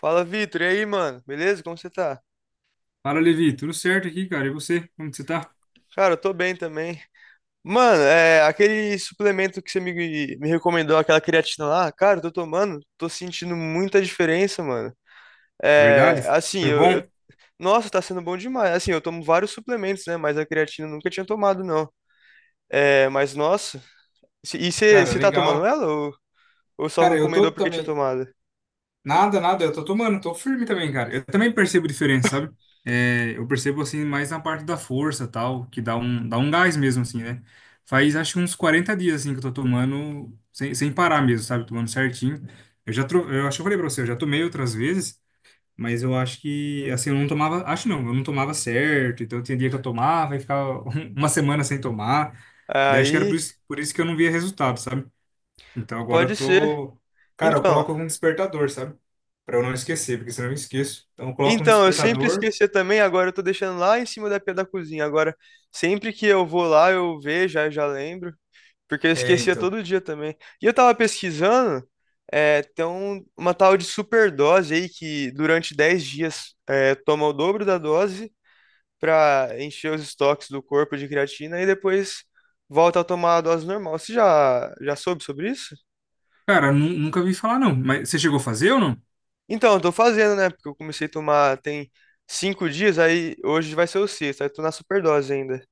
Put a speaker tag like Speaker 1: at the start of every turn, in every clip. Speaker 1: Fala, Vitor. E aí, mano? Beleza? Como você tá?
Speaker 2: Fala, Levi, tudo certo aqui, cara? E você? Como que você tá?
Speaker 1: Cara, eu tô bem também. Mano, aquele suplemento que me recomendou, aquela creatina lá, cara, eu tô tomando, tô sentindo muita diferença, mano.
Speaker 2: Verdade?
Speaker 1: É, assim,
Speaker 2: Foi
Speaker 1: eu, eu-
Speaker 2: bom?
Speaker 1: Nossa, tá sendo bom demais. Assim, eu tomo vários suplementos, né? Mas a creatina eu nunca tinha tomado, não. É, mas, nossa, e você
Speaker 2: Cara,
Speaker 1: você tá tomando
Speaker 2: legal.
Speaker 1: ela ou só
Speaker 2: Cara, eu tô
Speaker 1: recomendou porque tinha
Speaker 2: também.
Speaker 1: tomado?
Speaker 2: Nada, nada, eu tô tomando, tô firme também, cara. Eu também percebo diferença, sabe? É, eu percebo assim mais na parte da força, tal, que dá um gás mesmo, assim, né? Faz acho uns 40 dias assim que eu tô tomando sem parar mesmo, sabe? Tomando certinho. Eu acho que eu falei pra você, eu já tomei outras vezes. Mas eu acho que, assim, eu não tomava, acho não, eu não tomava certo, então tinha dia que eu tomava e ficava uma semana sem tomar. Daí acho que era por
Speaker 1: Aí,
Speaker 2: isso, por isso que eu não via resultado, sabe? Então agora
Speaker 1: pode
Speaker 2: eu
Speaker 1: ser.
Speaker 2: tô. Cara, eu
Speaker 1: Então.
Speaker 2: coloco um despertador, sabe? Pra eu não esquecer, porque senão eu esqueço. Então eu coloco um
Speaker 1: Então, eu sempre
Speaker 2: despertador.
Speaker 1: esquecia também, agora eu tô deixando lá em cima da pia da cozinha. Agora, sempre que eu vou lá, eu vejo, aí eu já lembro, porque eu
Speaker 2: É,
Speaker 1: esquecia
Speaker 2: então.
Speaker 1: todo dia também. E eu tava pesquisando, é, tem uma tal de superdose aí que durante 10 dias toma o dobro da dose pra encher os estoques do corpo de creatina e depois volta a tomar a dose normal. Você já soube sobre isso?
Speaker 2: Cara, nunca vi falar não. Mas você chegou a fazer ou não?
Speaker 1: Então, eu tô fazendo, né? Porque eu comecei a tomar tem 5 dias, aí hoje vai ser o sexto, aí tô na superdose ainda.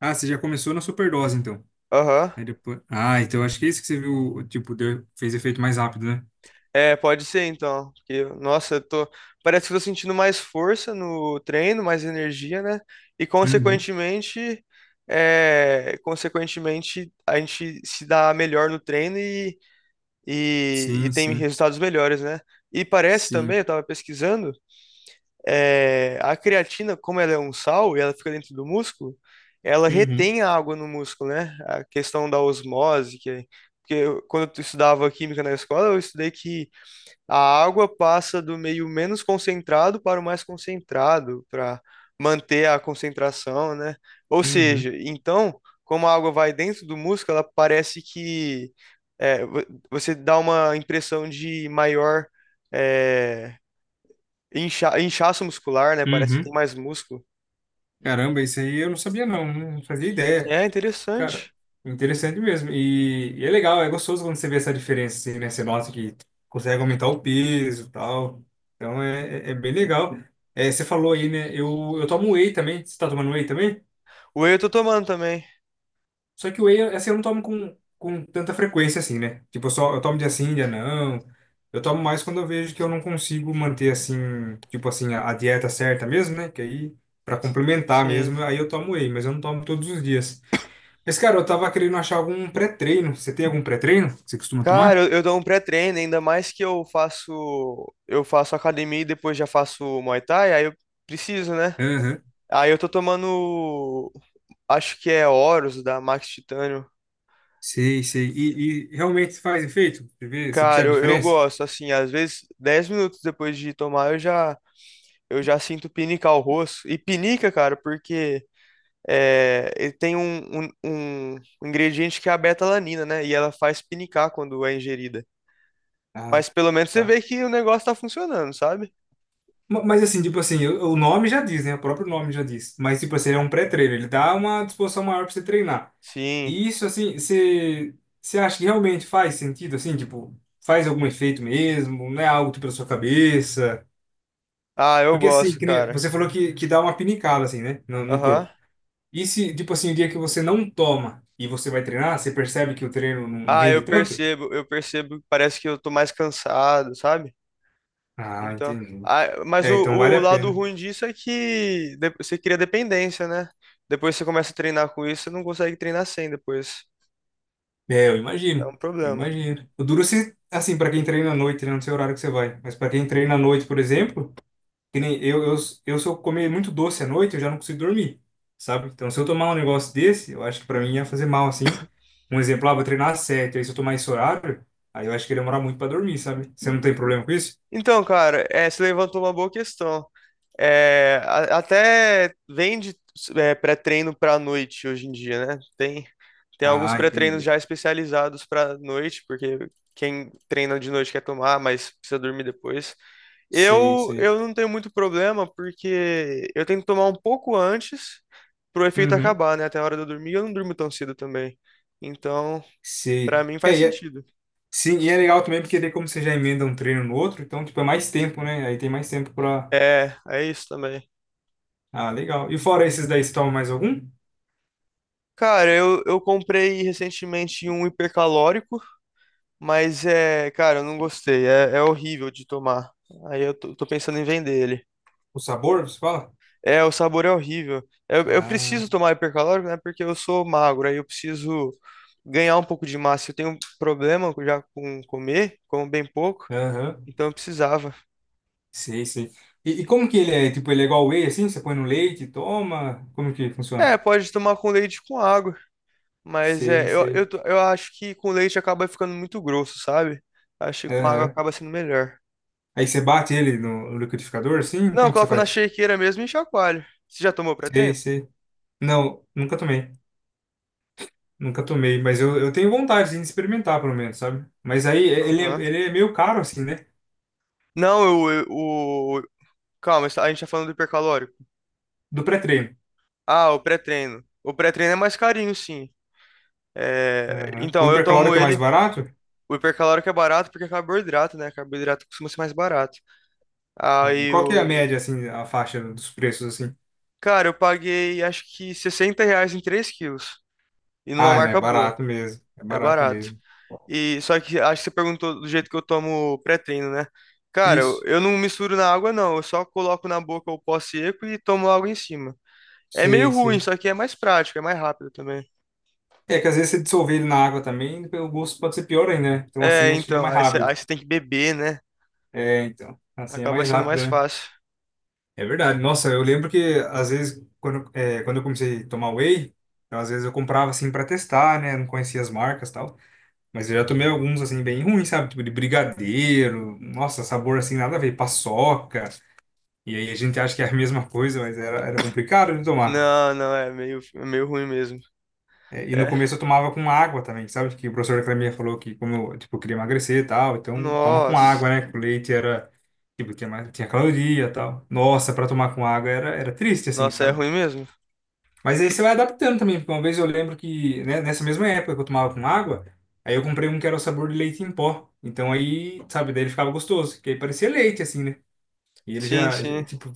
Speaker 2: Ah, você já começou na superdose, então.
Speaker 1: Aham.
Speaker 2: Aí depois. Ah, então acho que é isso que você viu, tipo, deu, fez efeito mais rápido, né?
Speaker 1: É, pode ser então. Porque, nossa, eu tô. Parece que eu tô sentindo mais força no treino, mais energia, né? E
Speaker 2: Uhum.
Speaker 1: consequentemente, consequentemente, a gente se dá melhor no treino e
Speaker 2: Sim,
Speaker 1: tem
Speaker 2: sim,
Speaker 1: resultados melhores, né? E parece também,
Speaker 2: sim.
Speaker 1: eu tava pesquisando. É, a creatina, como ela é um sal e ela fica dentro do músculo, ela
Speaker 2: Uhum.
Speaker 1: retém a água no músculo, né? A questão da osmose, que é, porque eu- quando eu estudava química na escola, eu estudei que a água passa do meio menos concentrado para o mais concentrado, para manter a concentração, né? Ou
Speaker 2: Uhum.
Speaker 1: seja, então, como a água vai dentro do músculo, ela parece que é, vo- você dá uma impressão de maior. é, Inchaço muscular, né? Parece que tem
Speaker 2: Uhum.
Speaker 1: mais músculo.
Speaker 2: Caramba, isso aí eu não sabia não, né? Não fazia ideia.
Speaker 1: É
Speaker 2: Cara,
Speaker 1: interessante.
Speaker 2: interessante mesmo. E é legal, é gostoso quando você vê essa diferença, assim, né? Você nota que consegue aumentar o peso e tal. Então é bem legal. É, você falou aí, né? Eu tomo whey também. Você tá tomando whey também?
Speaker 1: Whey eu tô tomando também.
Speaker 2: Só que o whey, assim, eu não tomo com tanta frequência assim, né? Tipo, eu só eu tomo dia sim, dia não. Eu tomo mais quando eu vejo que eu não consigo manter assim, tipo assim, a dieta certa mesmo, né? Que aí para complementar
Speaker 1: Sim.
Speaker 2: mesmo, aí eu tomo whey, mas eu não tomo todos os dias. Mas cara, eu tava querendo achar algum pré-treino. Você tem algum pré-treino que você costuma
Speaker 1: Cara,
Speaker 2: tomar?
Speaker 1: eu dou um pré-treino, ainda mais que eu faço academia e depois já faço Muay Thai, aí eu preciso, né?
Speaker 2: Aham.
Speaker 1: Aí eu tô tomando, acho que é Horus da Max Titânio.
Speaker 2: Sei, sei. E realmente faz efeito? Você vê, você
Speaker 1: Cara,
Speaker 2: percebe a
Speaker 1: eu
Speaker 2: diferença?
Speaker 1: gosto, assim, às vezes 10 minutos depois de tomar eu já sinto pinicar o rosto. E pinica, cara, porque é, ele tem um ingrediente que é a beta-alanina, né? E ela faz pinicar quando é ingerida.
Speaker 2: Ah,
Speaker 1: Mas pelo menos você
Speaker 2: tá.
Speaker 1: vê que o negócio tá funcionando, sabe?
Speaker 2: Mas assim, tipo assim, o nome já diz, né? O próprio nome já diz. Mas, tipo assim, ele é um pré-treino, ele dá uma disposição maior pra você treinar.
Speaker 1: Sim.
Speaker 2: E isso, assim, você acha que realmente faz sentido, assim, tipo, faz algum efeito mesmo? Não é algo tipo da sua cabeça?
Speaker 1: Ah, eu
Speaker 2: Porque, assim,
Speaker 1: gosto,
Speaker 2: que nem-
Speaker 1: cara.
Speaker 2: você falou que dá uma pinicada, assim, né? No
Speaker 1: Aham.
Speaker 2: corpo. E se, tipo assim, o dia que você não toma e você vai treinar, você percebe que o treino não
Speaker 1: Ah,
Speaker 2: rende tanto?
Speaker 1: eu percebo que parece que eu tô mais cansado, sabe?
Speaker 2: Ah,
Speaker 1: Então.
Speaker 2: entendi.
Speaker 1: Ah, mas
Speaker 2: É, então vale
Speaker 1: o
Speaker 2: a
Speaker 1: lado
Speaker 2: pena.
Speaker 1: ruim disso é que você cria dependência, né? Depois você começa a treinar com isso, você não consegue treinar sem depois.
Speaker 2: É, eu
Speaker 1: É
Speaker 2: imagino.
Speaker 1: um
Speaker 2: Eu
Speaker 1: problema.
Speaker 2: imagino. O duro se, assim, para quem treina à noite, né? Não sei o horário que você vai. Mas para quem treina à noite, por exemplo, que nem eu, se eu comer muito doce à noite, eu já não consigo dormir, sabe? Então, se eu tomar um negócio desse, eu acho que para mim ia fazer mal, assim. Um exemplo, ah, vou treinar às sete, aí se eu tomar esse horário, aí eu acho que ia demorar muito para dormir, sabe? Você não tem problema com isso?
Speaker 1: Então, cara, é, você levantou uma boa questão. É, até vende é, pré-treino para noite hoje em dia, né? Tem alguns
Speaker 2: Ah,
Speaker 1: pré-treinos
Speaker 2: entendi.
Speaker 1: já especializados para noite, porque quem treina de noite quer tomar, mas precisa dormir depois.
Speaker 2: Sei, sei.
Speaker 1: Eu não tenho muito problema, porque eu tenho que tomar um pouco antes pro efeito
Speaker 2: Uhum.
Speaker 1: acabar, né? Até a hora de eu dormir, eu não durmo tão cedo também. Então,
Speaker 2: Sei.
Speaker 1: pra mim faz sentido.
Speaker 2: Sim, e é legal também porque daí como você já emenda um treino no outro, então, tipo, é mais tempo, né? Aí tem mais tempo para.
Speaker 1: É, é isso também.
Speaker 2: Ah, legal. E fora esses daí, você toma mais algum?
Speaker 1: Cara, eu comprei recentemente um hipercalórico, mas é, cara, eu não gostei. É, é horrível de tomar. Aí tô pensando em vender ele.
Speaker 2: O sabor, você fala?
Speaker 1: É, o sabor é horrível. Eu
Speaker 2: Ah,
Speaker 1: preciso tomar hipercalórico, né? Porque eu sou magro, aí eu preciso ganhar um pouco de massa. Eu tenho um problema já com comer, como bem pouco,
Speaker 2: aham.
Speaker 1: então eu precisava.
Speaker 2: Sei, sei. E como que ele é? Tipo, ele é igual whey, assim? Você põe no leite, e toma? Como que
Speaker 1: É,
Speaker 2: funciona?
Speaker 1: pode tomar com leite e com água, mas
Speaker 2: Sei, sei.
Speaker 1: eu acho que com leite acaba ficando muito grosso, sabe? Acho que com água
Speaker 2: Aham.
Speaker 1: acaba sendo melhor.
Speaker 2: Aí você bate ele no liquidificador, assim?
Speaker 1: Não, eu
Speaker 2: Como que você
Speaker 1: coloco na
Speaker 2: faz?
Speaker 1: shakeira mesmo e chacoalho. Você já tomou
Speaker 2: Sei,
Speaker 1: pré-treino?
Speaker 2: sei. Não, nunca tomei. Nunca tomei, mas eu tenho vontade assim, de experimentar, pelo menos, sabe? Mas aí é,
Speaker 1: Aham.
Speaker 2: ele é meio caro, assim, né?
Speaker 1: Não, eu- o. Calma, a gente tá falando do hipercalórico.
Speaker 2: Do pré-treino.
Speaker 1: Ah, o pré-treino. O pré-treino é mais carinho, sim. É,
Speaker 2: Aham. O
Speaker 1: então, eu tomo
Speaker 2: hipercalórico é mais
Speaker 1: ele.
Speaker 2: barato?
Speaker 1: O hipercalórico é barato porque é carboidrato, né? Carboidrato costuma ser mais barato.
Speaker 2: Ah,
Speaker 1: Aí
Speaker 2: qual que é a
Speaker 1: o.
Speaker 2: média, assim, a faixa dos preços, assim?
Speaker 1: Cara, eu paguei acho que R$ 60 em 3 quilos. E numa
Speaker 2: Ah, não, é
Speaker 1: marca boa.
Speaker 2: barato mesmo. É
Speaker 1: É
Speaker 2: barato
Speaker 1: barato.
Speaker 2: mesmo.
Speaker 1: E só que acho que você perguntou do jeito que eu tomo pré-treino, né? Cara,
Speaker 2: Isso.
Speaker 1: eu não misturo na água, não. Eu só coloco na boca o pó seco e tomo água em cima. É meio
Speaker 2: Sim,
Speaker 1: ruim,
Speaker 2: sim.
Speaker 1: só que é mais prático, é mais rápido também.
Speaker 2: É que às vezes você dissolver ele na água também, o gosto pode ser pior ainda, né? Então
Speaker 1: É,
Speaker 2: assim acho que é
Speaker 1: então,
Speaker 2: mais
Speaker 1: aí
Speaker 2: rápido.
Speaker 1: você tem que beber, né?
Speaker 2: É, então. Assim é
Speaker 1: Acaba
Speaker 2: mais
Speaker 1: sendo mais
Speaker 2: rápido, né?
Speaker 1: fácil.
Speaker 2: É verdade. Nossa, eu lembro que às vezes, quando, é, quando eu comecei a tomar whey, então, às vezes eu comprava assim pra testar, né? Não conhecia as marcas e tal. Mas eu já tomei alguns assim bem ruins, sabe? Tipo de brigadeiro. Nossa, sabor assim nada a ver. Paçoca. E aí a gente acha que é a mesma coisa, mas era complicado de tomar.
Speaker 1: Não, não, é é meio ruim mesmo.
Speaker 2: É, e
Speaker 1: É.
Speaker 2: no começo eu tomava com água também, sabe? Que o professor da academia falou que como eu, tipo, eu queria emagrecer e tal, então toma com
Speaker 1: Nossa.
Speaker 2: água, né? Que o leite era, tipo, tinha, tinha caloria e tal. Nossa, para tomar com água era triste, assim,
Speaker 1: Nossa, é
Speaker 2: sabe?
Speaker 1: ruim mesmo?
Speaker 2: Mas aí você vai adaptando também, porque uma vez eu lembro que, né, nessa mesma época que eu tomava com água, aí eu comprei um que era o sabor de leite em pó. Então aí, sabe, daí ele ficava gostoso, que aí parecia leite, assim, né? E ele
Speaker 1: Sim, sim.
Speaker 2: tipo,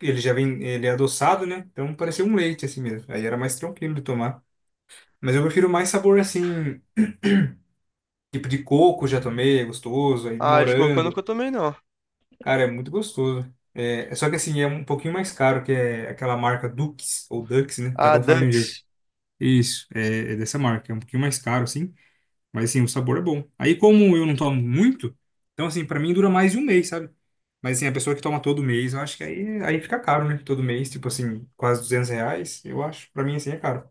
Speaker 2: ele já vem, ele é adoçado, né? Então parecia um leite, assim mesmo. Aí era mais tranquilo de tomar. Mas eu prefiro mais sabor assim, tipo de coco já tomei, é gostoso, aí de
Speaker 1: Ah, de cocô eu nunca
Speaker 2: morango.
Speaker 1: tomei, não.
Speaker 2: Cara, é muito gostoso. Só que assim, é um pouquinho mais caro, que é aquela marca Dux, ou Dux, né?
Speaker 1: Ah,
Speaker 2: Cada um fala de um jeito.
Speaker 1: Dux.
Speaker 2: Isso, é dessa marca. É um pouquinho mais caro, assim, mas assim, o sabor é bom. Aí, como eu não tomo muito, então assim, pra mim dura mais de um mês, sabe? Mas assim, a pessoa que toma todo mês, eu acho que aí fica caro, né? Todo mês, tipo assim, quase R$ 200, eu acho. Pra mim, assim, é caro.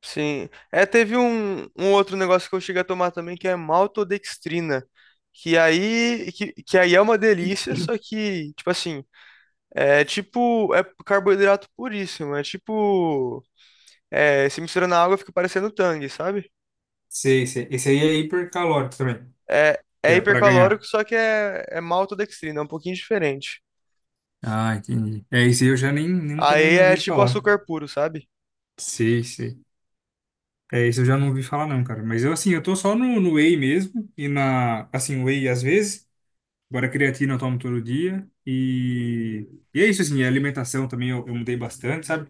Speaker 1: Sim. É, teve um outro negócio que eu cheguei a tomar também, que é maltodextrina. Que aí é uma delícia, só que, tipo assim, é tipo, é carboidrato puríssimo. É tipo, se mistura na água fica parecendo tang, sabe?
Speaker 2: Sei, sei. Esse aí é hipercalórico também,
Speaker 1: É,
Speaker 2: que
Speaker 1: é
Speaker 2: é pra
Speaker 1: hipercalórico,
Speaker 2: ganhar.
Speaker 1: só que é maltodextrina, é um pouquinho diferente.
Speaker 2: Ah, entendi. É, isso aí eu já nem, nunca
Speaker 1: Aí
Speaker 2: nem
Speaker 1: é
Speaker 2: ouvi
Speaker 1: tipo
Speaker 2: falar.
Speaker 1: açúcar puro, sabe?
Speaker 2: Sei, sei. É, isso eu já não ouvi falar não, cara. Mas eu, assim, eu tô só no whey mesmo. E na, assim, whey às vezes. Agora creatina eu tomo todo dia. E é isso, assim, a alimentação também eu mudei bastante, sabe?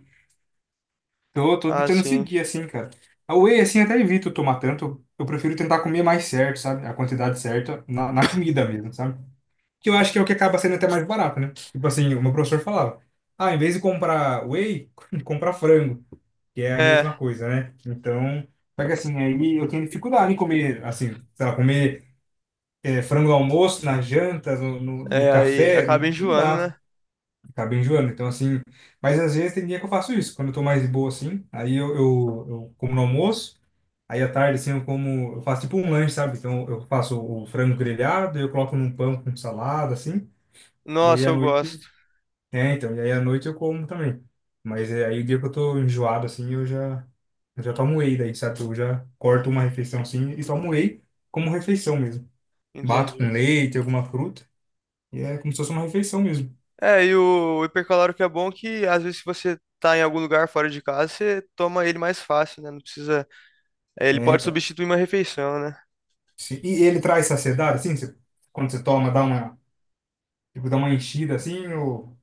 Speaker 2: Então eu tô
Speaker 1: Ah,
Speaker 2: tentando
Speaker 1: sim.
Speaker 2: seguir, assim, cara. A whey, assim, até evito tomar tanto. Eu prefiro tentar comer mais certo, sabe? A quantidade certa na comida mesmo, sabe? Que eu acho que é o que acaba sendo até mais barato, né? Tipo assim, o meu professor falava, ah, em vez de comprar whey, comprar frango, que é a mesma
Speaker 1: É,
Speaker 2: coisa, né? Então, só que assim, aí eu tenho dificuldade em comer, assim, sei lá, comer frango no almoço, na janta, no
Speaker 1: aí
Speaker 2: café,
Speaker 1: acaba
Speaker 2: não, não
Speaker 1: enjoando,
Speaker 2: dá,
Speaker 1: né?
Speaker 2: acaba enjoando. Então, assim, mas às vezes tem dia que eu faço isso, quando eu tô mais de boa, assim, aí eu como no almoço. Aí à tarde, assim, eu como, eu faço tipo um lanche, sabe? Então eu faço o frango grelhado, eu coloco num pão com salada, assim, e aí
Speaker 1: Nossa,
Speaker 2: à
Speaker 1: eu
Speaker 2: noite
Speaker 1: gosto.
Speaker 2: e aí à noite eu como também. Mas é, aí o dia que eu tô enjoado, assim, eu já tomo whey daí, sabe? Eu já corto uma refeição assim e tomo whey como refeição mesmo. Bato com
Speaker 1: Entendi.
Speaker 2: leite, alguma fruta, e é como se fosse uma refeição mesmo.
Speaker 1: É, e o hipercalórico que é bom que às vezes se você tá em algum lugar fora de casa, você toma ele mais fácil, né? Não precisa. Ele
Speaker 2: É,
Speaker 1: pode
Speaker 2: então.
Speaker 1: substituir uma refeição, né?
Speaker 2: E ele traz saciedade, assim, quando você toma, dá uma, tipo, dá uma enchida assim, ou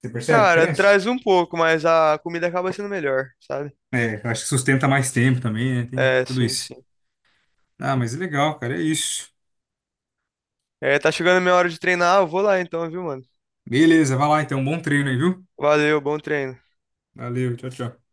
Speaker 2: você percebe a
Speaker 1: Cara,
Speaker 2: diferença?
Speaker 1: traz um pouco, mas a comida acaba sendo melhor, sabe?
Speaker 2: É, eu acho que sustenta mais tempo também, né? Tem
Speaker 1: É,
Speaker 2: tudo
Speaker 1: sim,
Speaker 2: isso.
Speaker 1: sim.
Speaker 2: Ah, mas é legal, cara, é isso.
Speaker 1: É, tá chegando a minha hora de treinar, eu vou lá então, viu, mano?
Speaker 2: Beleza, vai lá então, bom treino aí, viu?
Speaker 1: Valeu, bom treino.
Speaker 2: Valeu, tchau, tchau.